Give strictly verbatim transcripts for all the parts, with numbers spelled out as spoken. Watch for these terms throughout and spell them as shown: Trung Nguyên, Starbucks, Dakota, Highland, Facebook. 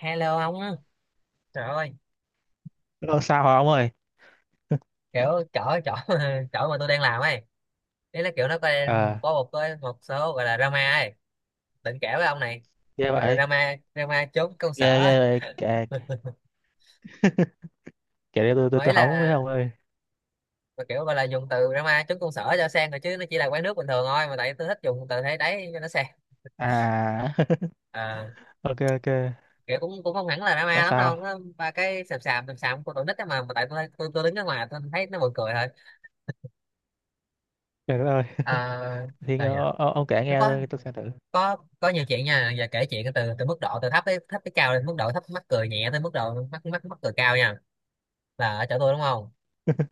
Hello ông á, trời ơi. Nó sao hả ông ơi? Kiểu chỗ chỗ chỗ mà tôi đang làm ấy, đấy là kiểu nó có Ờ. có một cái một số gọi là drama ấy, định kể với ông này, Ghê gọi là vậy. drama drama trốn công ghê sở. ghê vậy, kể. Kể để tôi tôi Mấy tôi hóng là, với ông ơi. mà kiểu gọi là dùng từ drama trốn công sở cho sang rồi chứ nó chỉ là quán nước bình thường thôi, mà tại tôi thích dùng từ thế đấy cho nó sang. À. Ờ, ok, ok. kiểu cũng cũng không hẳn là Nó drama lắm đâu, sao? nó ba cái sàm sàm sàm sàm của tụi nít ấy, mà mà tại tôi tôi, tôi đứng ở ngoài tôi thấy nó buồn cười thôi. Trời đất ơi. À, thì sao nhỉ. ờ, ông, ông kể Nó nghe có thôi, tôi sẽ thử. có có nhiều chuyện nha, giờ kể chuyện từ từ, mức độ từ thấp tới thấp tới cao lên, mức độ thấp mắc cười nhẹ tới mức độ mắc mắc mắc cười cao nha. Là ở chỗ tôi đúng không,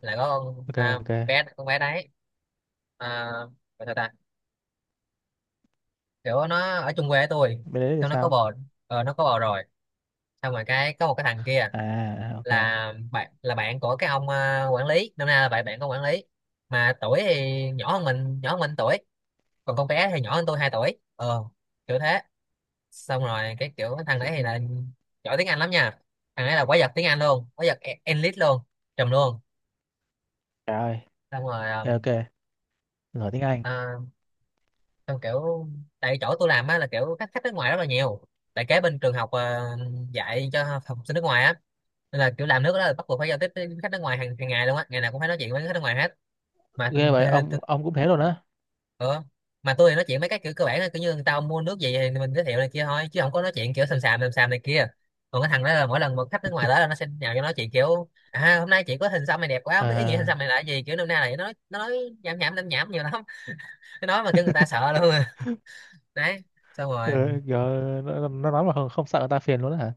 là có con, ok, à, ok. bé con bé đấy, à, gọi sao ta, kiểu nó ở chung quê với tôi, Bên đấy thì xong nó có sao? bồ, ờ, nó có bồ rồi. Xong rồi cái có một cái thằng kia À, à, ok. là bạn, là bạn của cái ông, à, quản lý năm nay, là bạn bạn của quản lý, mà tuổi thì nhỏ hơn mình, nhỏ hơn mình tuổi còn con bé thì nhỏ hơn tôi hai tuổi, ờ, kiểu thế. Xong rồi cái kiểu cái thằng đấy thì là giỏi tiếng Anh lắm nha, thằng đấy là quái vật tiếng Anh luôn, quái vật e- elite luôn, trùm luôn. trời ơi. Xong rồi Ok, um, ok. Giỏi tiếng Anh. à, xong kiểu, tại chỗ tôi làm á là kiểu khách khách nước ngoài rất là nhiều, tại kế bên trường học, ờ, dạy cho học sinh nước ngoài á, nên là kiểu làm nước đó là bắt buộc phải giao tiếp với khách nước ngoài hàng hàng ngày luôn á, ngày nào cũng phải nói chuyện với khách nước ngoài hết. Mà Ghê th vậy, th ông ông cũng thế luôn á? Ờ, mà tôi thì nói chuyện mấy cái kiểu cơ bản là kiểu như người ta mua nước gì thì mình giới thiệu này kia thôi, chứ không có nói chuyện kiểu sàm sàm sàm sàm này kia. Còn cái thằng đó là mỗi lần một khách nước ngoài tới là nó sẽ nhào cho nói chuyện, kiểu à hôm nay chị có hình xăm này đẹp quá, không biết ý nghĩa hình xăm À. này là cái gì, kiểu năm nay này. Nó nói- nó nói nhảm nhảm nhảm nhảm nhiều lắm. Nó nói mà kêu người ta sợ luôn à. Đấy, xong rồi. ừ, giờ nó, nó nói mà không, không sợ người ta phiền luôn á hả?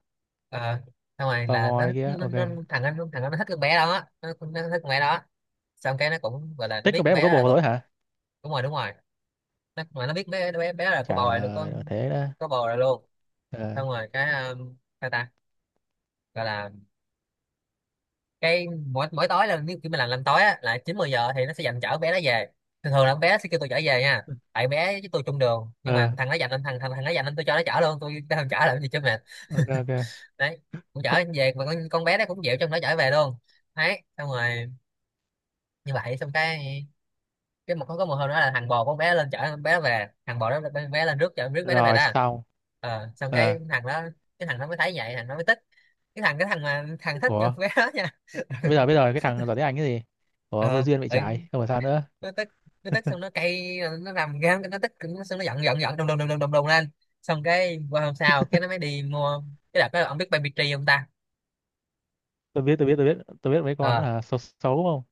Ờ, xong rồi Tò là mò nó, này kia, nó, nó ok. thằng anh thằng anh nó thích con bé đó, nó, nó thích con bé đó. Xong cái nó cũng gọi là nó Thích biết con con bé mà bé có đó là bồ có, rồi hả? đúng rồi đúng rồi, nó, mà nó biết bé bé bé đó là có bầu Trời rồi, có ơi thế đó. có bầu rồi luôn. Ờ. Xong rồi cái um, ta ta gọi là, cái mỗi mỗi tối là nếu kiểu mình làm làm tối á là chín mười giờ thì nó sẽ dành chở bé nó về, thường thường là con bé sẽ kêu tôi chở về nha, tại bé với tôi chung đường, nhưng Ờ, mà thằng nó dành anh, thằng thằng thằng nó dành anh, tôi cho nó chở luôn, tôi tôi không chở làm gì cho mệt. ok, ok, Đấy, cũng chở về mà con con bé nó cũng dịu trong nó chở về luôn. Đấy, xong rồi, như vậy xong cái cái một có có một hôm đó là thằng bò con bé lên chở con bé về, thằng bò đó con bé lên rước chở rước bé nó về rồi đó, xong, ờ, xong cái ờ. thằng đó, cái thằng nó mới thấy vậy, thằng nó mới tức, cái thằng cái thằng mà thằng thích con Ủa, bé đó nha. bây giờ bây giờ cái thằng giỏi tiếng Anh cái gì? Ủa, vô ờ duyên vậy, ừ, trái không phải sao nữa. nó tức, nó tức xong nó cay nó rầm ra nó tức nó, xong nó giận giận giận đùng đùng đùng đùng đùng đùng lên. Xong cái qua hôm sau cái nó mới đi mua, cái đợt đó ông biết baby tree không ta. Tôi biết, tôi biết, tôi biết, tôi biết, mấy con Ờ, à, xấu xấu đúng không?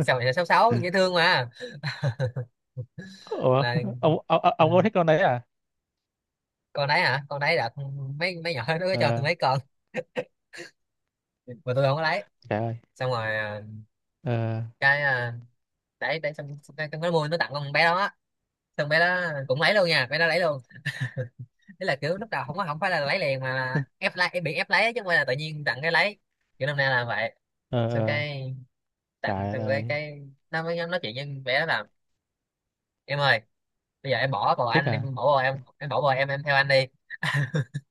sao này là sáu sáu dễ thương mà, Ủa, là, ông ông ông ừ, ông có thích con đấy à? con đấy hả, con đấy đợt mấy mấy nhỏ nó có cho tôi Ờ. mấy con mà tôi không có lấy. Trời ơi. Xong rồi, à, Ờ, cái à, đấy đấy xong xong cái, cái mua nó tặng con bé đó á. Xong bé đó cũng lấy luôn nha, bé đó lấy luôn. Đấy là kiểu lúc đầu không có, không phải là lấy liền mà là ép lấy, bị ép lấy chứ không phải là tự nhiên tặng cái lấy, kiểu năm nay là vậy. ờ, Xong ờ. cái tặng Trời xong cái ơi. cái nó mới nói chuyện với bé đó là em ơi, bây giờ em bỏ bồ, Thích anh em à? bỏ bồ, em em bỏ bồ, em em theo anh đi.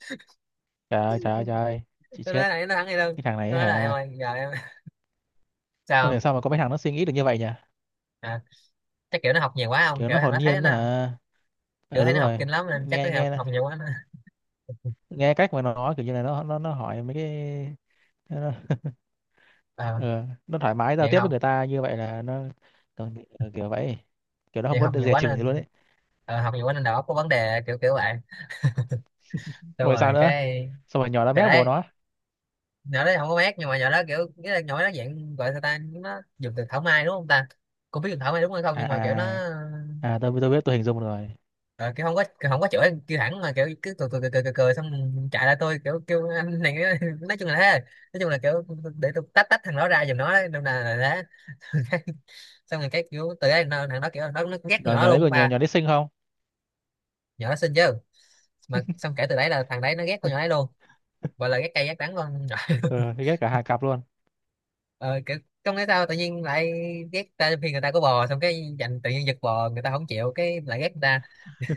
Trời ơi, trời ơi, trời ơi. Chị Tôi nói chết. là nó thắng đi luôn. Cái thằng này Nó nói là em hả? ơi giờ em, Không hiểu sao, sao mà có mấy thằng nó suy nghĩ được như vậy nhỉ. à, chắc kiểu nó học nhiều quá không, Kiểu kiểu nó thằng hồn nó thấy nhiên nó, hả? kiểu Ờ, thấy đúng nó học rồi. kinh lắm nên chắc nó Nghe, học, nghe. học nhiều quá nó. Nghe cách mà nó nói, kiểu như là nó nó nó hỏi mấy cái. Nó. Ờ, ờ, nó thoải mái giao vậy tiếp với không, người ta như vậy là nó còn bị- ờ, kiểu vậy. Kiểu nó vì không có học được nhiều dè quá chừng gì luôn nên, ấy. ờ, học nhiều quá nên đầu óc có vấn đề kiểu kiểu vậy. Xong Xong rồi sao rồi nữa? cái Xong rồi nhỏ nó thì mép bố đấy, nó. nhỏ đấy không có mát, nhưng mà nhỏ đó kiểu nghĩa là nhỏ đó dạng, gọi sao ta, nó dùng từ thảo mai đúng không ta, cô biết dùng thảo mai đúng hay không, À, nhưng mà kiểu nó, à, à, tôi tôi biết, tôi hình dung rồi. ờ, kiểu không có, kiểu không có chửi kêu thẳng mà kiểu cứ cười cười cười cười, cười, cười xong chạy lại tôi kiểu kêu anh này. Nói chung là thế, nói chung là kiểu để tôi tách tách thằng đó ra giùm nó đấy, nên là, là thế. Xong rồi cái kiểu từ đấy nó, thằng đó kiểu nó, nó ghét con nhỏ nhỏ đó nhỏ đấy, luôn còn nhỏ ba, nhỏ đấy xinh không? nhỏ đó xinh chứ, mà xong kể từ đấy là thằng đấy nó ghét con nhỏ đấy luôn, gọi là ghét cay ghét đắng luôn. Ừ, thì ghét cả hai cặp luôn. Ờ, kiểu, không biết sao tự nhiên lại ghét ta khi người ta có bò, xong cái dành tự nhiên giật bò người ta không chịu cái lại ghét người ta.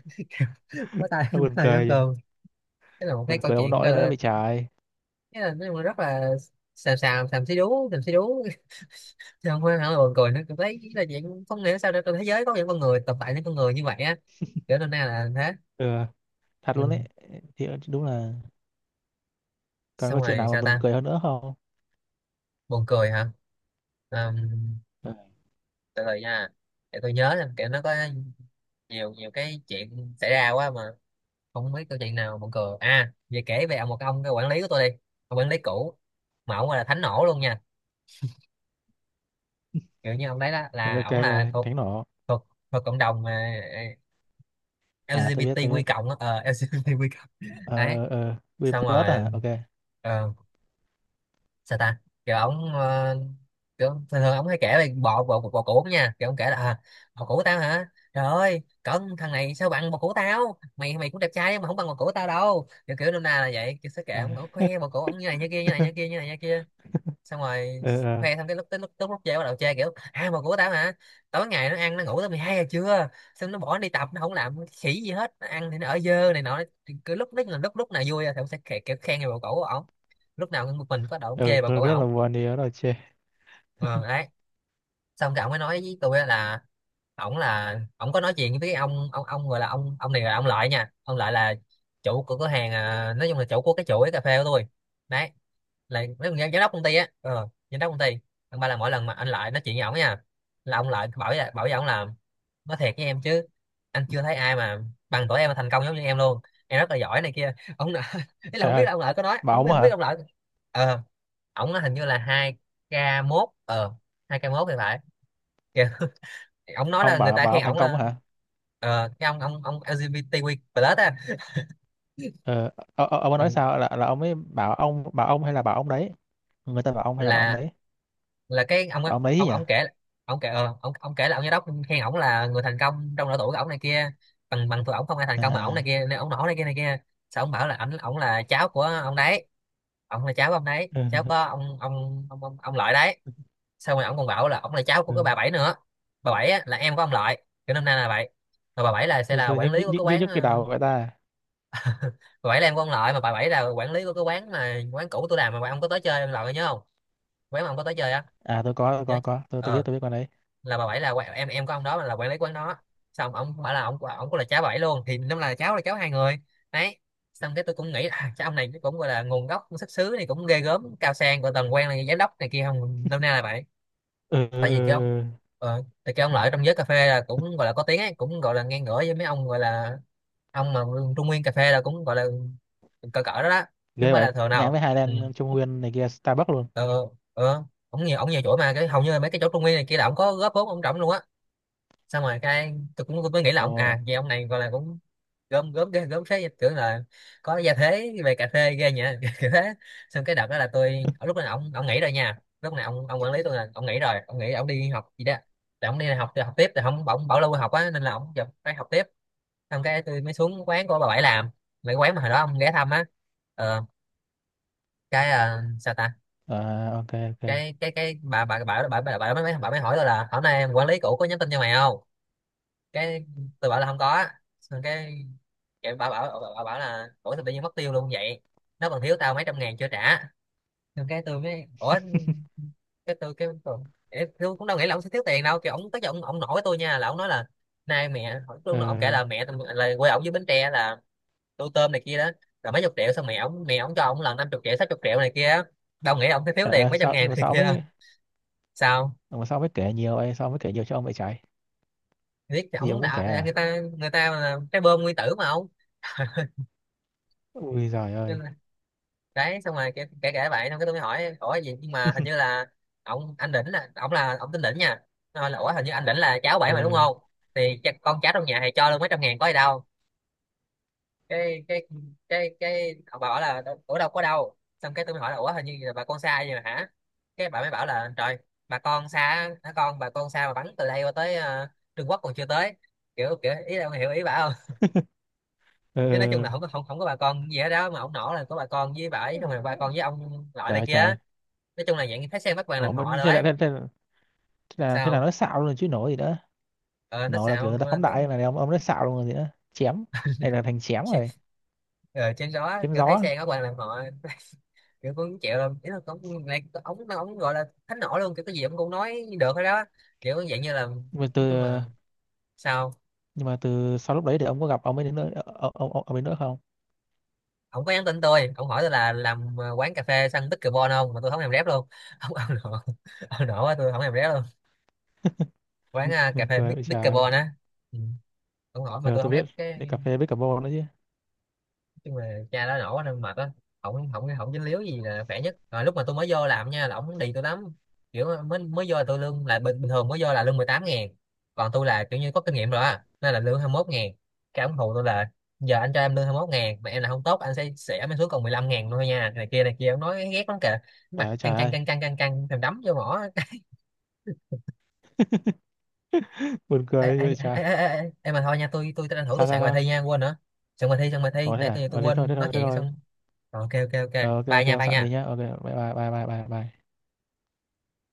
Bó tay Nó bó buồn tay nhóm cười kìa. cơm. Cái là một cái Buồn câu cười ông chuyện gọi nội nữa là, bị trời. cái là nói chung là rất là xàm xàm xàm xí đú xàm xí đú. Chứ không phải hả, buồn cười nữa, tôi thấy là chuyện không hiểu sao trên thế giới có những con người tồn tại những con người như vậy á, kiểu nên nay là thế. Ừ, thật Ừ. luôn đấy. Thì đúng là. Còn có Xong chuyện rồi nào mà sao buồn ta, cười hơn nữa không? buồn cười hả. Ờm, Ừ, từ từ nha, để tôi nhớ, là kiểu nó có nhiều nhiều cái chuyện xảy ra quá mà không biết câu chuyện nào buồn cười. À, về kể về một ông cái quản lý của tôi đi, ông quản lý cũ, mà ông là thánh nổ luôn nha, kiểu như ông đấy đó ok, là ok. ông là thuộc, Tránh nổ. thuộc thuộc cộng đồng mà, ờ, lờ À, giê tôi bê biết, tê tôi quy biết. cộng á, ờ, lờ giê bê tê quy cộng, đấy, Ờ, ờ, we xong plus, rồi, à, ok. ờ, sao ta, kiểu ổng, ờ, kiểu thường thường ổng hay kể về bò bò bò cũ nha, kiểu ổng kể là à, bò cũ tao hả, trời ơi cẩn thằng này sao bằng bò cũ tao, mày mày cũng đẹp trai nhưng mà không bằng bò cũ tao đâu, kiểu kiểu nôm na là vậy, kiểu sẽ kể À. ổng, ổng khoe bò cũ ổng như này như kia, như này như kia, như này như kia. Xong rồi ờ, ờ. khoe xong cái lúc tới, lúc tới lúc chơi bắt đầu chơi kiểu à mà của tao hả, tối ngày nó ăn nó ngủ tới mười hai giờ trưa, xong nó bỏ đi tập, nó không làm khỉ gì hết, nó ăn thì nó ở dơ này nọ. Thì cứ lúc đấy là lúc lúc nào vui thì cũng sẽ khe- kiểu khen người bầu cũ của ổng, lúc nào cũng một mình có đầu ông Ừ, chê bầu cũ rất ổng, là buồn đi đó rồi chê. ờ đấy. Xong cái ổng mới nói với tôi á là ổng là ổng có nói chuyện với cái ông, ông ông gọi là ông, ông này là ông lợi nha, ông lợi là chủ của cửa hàng, à, nói chung là chủ của cái chuỗi cà phê của tôi đấy, là mấy con giám giám đốc công ty á, ờ, giám đốc công ty. Thằng ba là mỗi lần mà anh lại nói chuyện với ổng nha, là ông lại bảo với bảo với ổng là, nói thiệt với em chứ, anh chưa thấy ai mà bằng tuổi em mà thành công giống như em luôn, em rất là giỏi này kia ông nợ. Ý là Trời không biết ơi, là ông lợi có nói, bà không biết ông á không biết hả? ông lợi, ờ, ổng nói hình như là hai k mốt ờ hai k mốt thì phải kìa. Ổng nói là Ông người bảo ta bảo khen ông thành ổng công là á hả? ờ cái ông ông ông el gi bi ti kiu cộng á. Ờ, ờ, ờ, ông ấy Ừ, nói sao, là là ông ấy bảo ông, bảo ông hay là bảo ông đấy? Người ta bảo ông hay là bảo ông là đấy? là cái ông á- Bảo ông đấy ông nhỉ? ông kể. ông kể ờ, ông ông kể là ông giám đốc khen ổng là người thành công trong độ tuổi của ổng này kia. Bằng bằng tuổi ổng không ai thành công mà ổng này À, kia nên ổng nổi này kia này kia. Sao ông bảo là ảnh ổng là cháu của ông đấy, ổng là cháu của ông đấy, ừ, cháu có ông ông ông ông, ông lợi đấy. Xong rồi ổng còn bảo là ổng là cháu của cái bà ừ. bảy nữa. Bà bảy á, là em của ông lợi, kiểu năm nay là vậy. Mà bà bảy là sẽ Rồi là sao, quản nhức, lý nhức, của nhức, cái nhức, quán nhức cái ờ, đầu của người ta. Bà bảy là em của ông lợi mà bà bảy là quản lý của cái quán mà quán cũ tôi làm mà ông có tới chơi, ông lợi nhớ không? Quán mà ông có tới chơi á. À, tôi có, tôi Nhớ. có có tôi tôi biết, ờ tôi biết con đấy. là bà bảy là qu- em em của ông đó là quản lý quán đó. Xong ông bảo là ông ông cũng là cháu bà bảy luôn thì năm là cháu là cháu hai người đấy. Xong cái tôi cũng nghĩ à, cái ông này cũng gọi là nguồn gốc xuất xứ này cũng ghê gớm cao sang của tầng quan là giám đốc này kia không năm nay là vậy. Ừ, ừ, Tại ừ. vì cái ông Ừ. ờ, tại cái ông lợi trong giới cà phê là cũng gọi là có tiếng ấy, cũng gọi là ngang ngửa với mấy ông gọi là ông mà trung nguyên cà phê là cũng gọi là cỡ cỡ đó đó, chứ không Ghê phải là vậy, thừa ngang nào. với Ừ. Highland Trung Nguyên này kia Starbucks luôn. Ờ, ờ. ông nhiều ông nhiều chỗ mà cái hầu như là mấy cái chỗ trung nguyên này kia là ông có góp vốn ông trọng luôn á. Xong rồi cái tôi cũng mới nghĩ là ông à Ồ. vậy ông này gọi là cũng gớm gớm ghê gớm thế, tưởng là có gia thế về cà phê ghê nhỉ. Kiểu thế. Xong cái đợt đó là tôi ở lúc đó ông ông nghỉ rồi nha, lúc này ông ông quản lý tôi là ông nghỉ rồi, ông nghỉ ông đi học gì đó. Là ông đi học thì học tiếp thì không, ông bảo lưu học á nên là ông giờ phải học tiếp. Xong cái tôi mới xuống quán của bà bảy làm, mấy quán mà hồi đó ông ghé thăm á. ờ, cái ờ, sao ta. À, ok, ok. Cái cái cái bà bà bà bà bà, bà, mới bà mới hỏi tôi là hôm nay quản lý cũ có nhắn tin cho mày không. Cái tôi bảo là không có. Xong cái cái bảo bảo bảo, bảo bảo là ủa sao tự nhiên mất tiêu luôn vậy, nó còn thiếu tao mấy trăm ngàn chưa trả. Xong cái tôi mới ủa, cái tôi cái tôi, cái- tôi cũng đâu nghĩ là ông sẽ thiếu tiền đâu, kiểu ông tới giờ ông, ông nổi tôi nha là ông nói là nay mẹ. Ừ. Lúc đó ông kể là mẹ là quê ông với Bến Tre là tô tôm này kia đó, là mấy chục triệu. Xong mẹ ông mẹ ông cho ông là năm chục triệu sáu chục triệu này kia á. Đâu nghĩ là ông sẽ thiếu tiền Chả, mấy trăm sao, ngàn sao mà này sao ông, kia đâu. Sao mà sao mới kể nhiều vậy, sao mới kể nhiều cho ông vậy trời? biết thì Gì ông ông cũng kể đã, người à? ta người ta mà trái bơm nguyên tử mà ông. Ui giời Cho ơi. nên đấy, xong rồi kể kể kể vậy. Xong cái tôi mới hỏi ủa gì, nhưng mà hình như là ông anh đỉnh là ông là ông tên đỉnh nha. Nó hỏi là ủa hình như anh đỉnh là cháu bảy mà đúng Ừ. không, thì cha- con cháu trong nhà thì cho luôn mấy trăm ngàn có gì đâu. Cái cái cái cái ông bảo là đâu- ủa đâu có đâu. Xong cái tôi mới hỏi là ủa hình như là bà con xa vậy mà hả. Cái bà mới bảo là trời, bà con xa á, hả, con bà con xa mà bắn từ đây qua tới ờ, Trung Quốc còn chưa tới, kiểu kiểu ý là ông hiểu ý bà không. Chứ nói chung Ừ. là không có không, không có bà con gì hết đó, mà ông nổ là có bà con với bà ấy, không là bà con với ông loại Trời này ơi, kia. trời. Nói chung là dạng như thấy xe bắt bằng làm Ủa, mà họ rồi thế là ấy. thế, thế, là- thế là thế là Sao nói xạo luôn rồi chứ nổ gì nữa? ờ nó Nổ là kiểu sao người ta ờ, phóng nó... đại, mà ông ông nói xạo luôn rồi gì nữa, chém. Hay là thành chém rồi. Ờ, trên đó Chém kiểu thấy gió. xe bắt bằng làm họ. Kiểu cũng chịu lắm, ý là cũng này ống nó ống gọi là thánh nổ luôn, kiểu cái gì ông cũng nói được hết đó, kiểu dạng như là nhưng mà từ nói chung là. Sao? nhưng mà từ sau lúc đấy thì ông có gặp ông ấy đến nữa, ông ông, ông ấy nữa không? Ông có nhắn tin tôi, ông hỏi tôi là làm ờ, quán cà phê săn pickleball không mà tôi không làm rep luôn. ông ông nổ, ông nổ quá, tôi không làm rep luôn. Quán ờ, cà Mình phê cười, ôi pick- trời. pickleball á. Ừ. Ông hỏi mà Ờ, tôi không tôi biết. rep Để cà cái. phê với cà bô nữa chứ. Nhưng mà cha đó nổ quá nên mệt á. Không không không dính líu gì là khỏe nhất rồi. Lúc mà tôi mới vô làm nha là ổng đi tôi lắm, kiểu mới mới vô là tôi lương là bình, bình thường, mới vô là lương mười tám ngàn, còn tôi là kiểu như có kinh nghiệm rồi á nên là lương hai mươi mốt ngàn. Cái ổng hù tôi là giờ anh cho em lương hai mươi mốt ngàn mà em là không tốt anh sẽ sẽ mới xuống còn mười lăm ngàn thôi nha này kia này kia, ổng nói ghét lắm kìa, Trời mà ơi, trời căng căng ơi. căng căng căng căng thèm đấm vô mỏ. buồn Ê, ê, cười vậy ê, trời. ê, ê, ê, em mà thôi nha, tôi tôi tranh thủ tôi Sao, sao, soạn bài sao? thi nha, quên nữa. soạn bài thi soạn bài thi, Ủa thế nãy à? tôi tôi Ờ, thế thôi, thế quên nói thôi, thế chuyện thôi. xong. Rồi, ok ok ok. Ờ, ok, Bye ok, nha, ông bye soạn đi nha. nhá, ok, bye bye, bye bye, bye bye.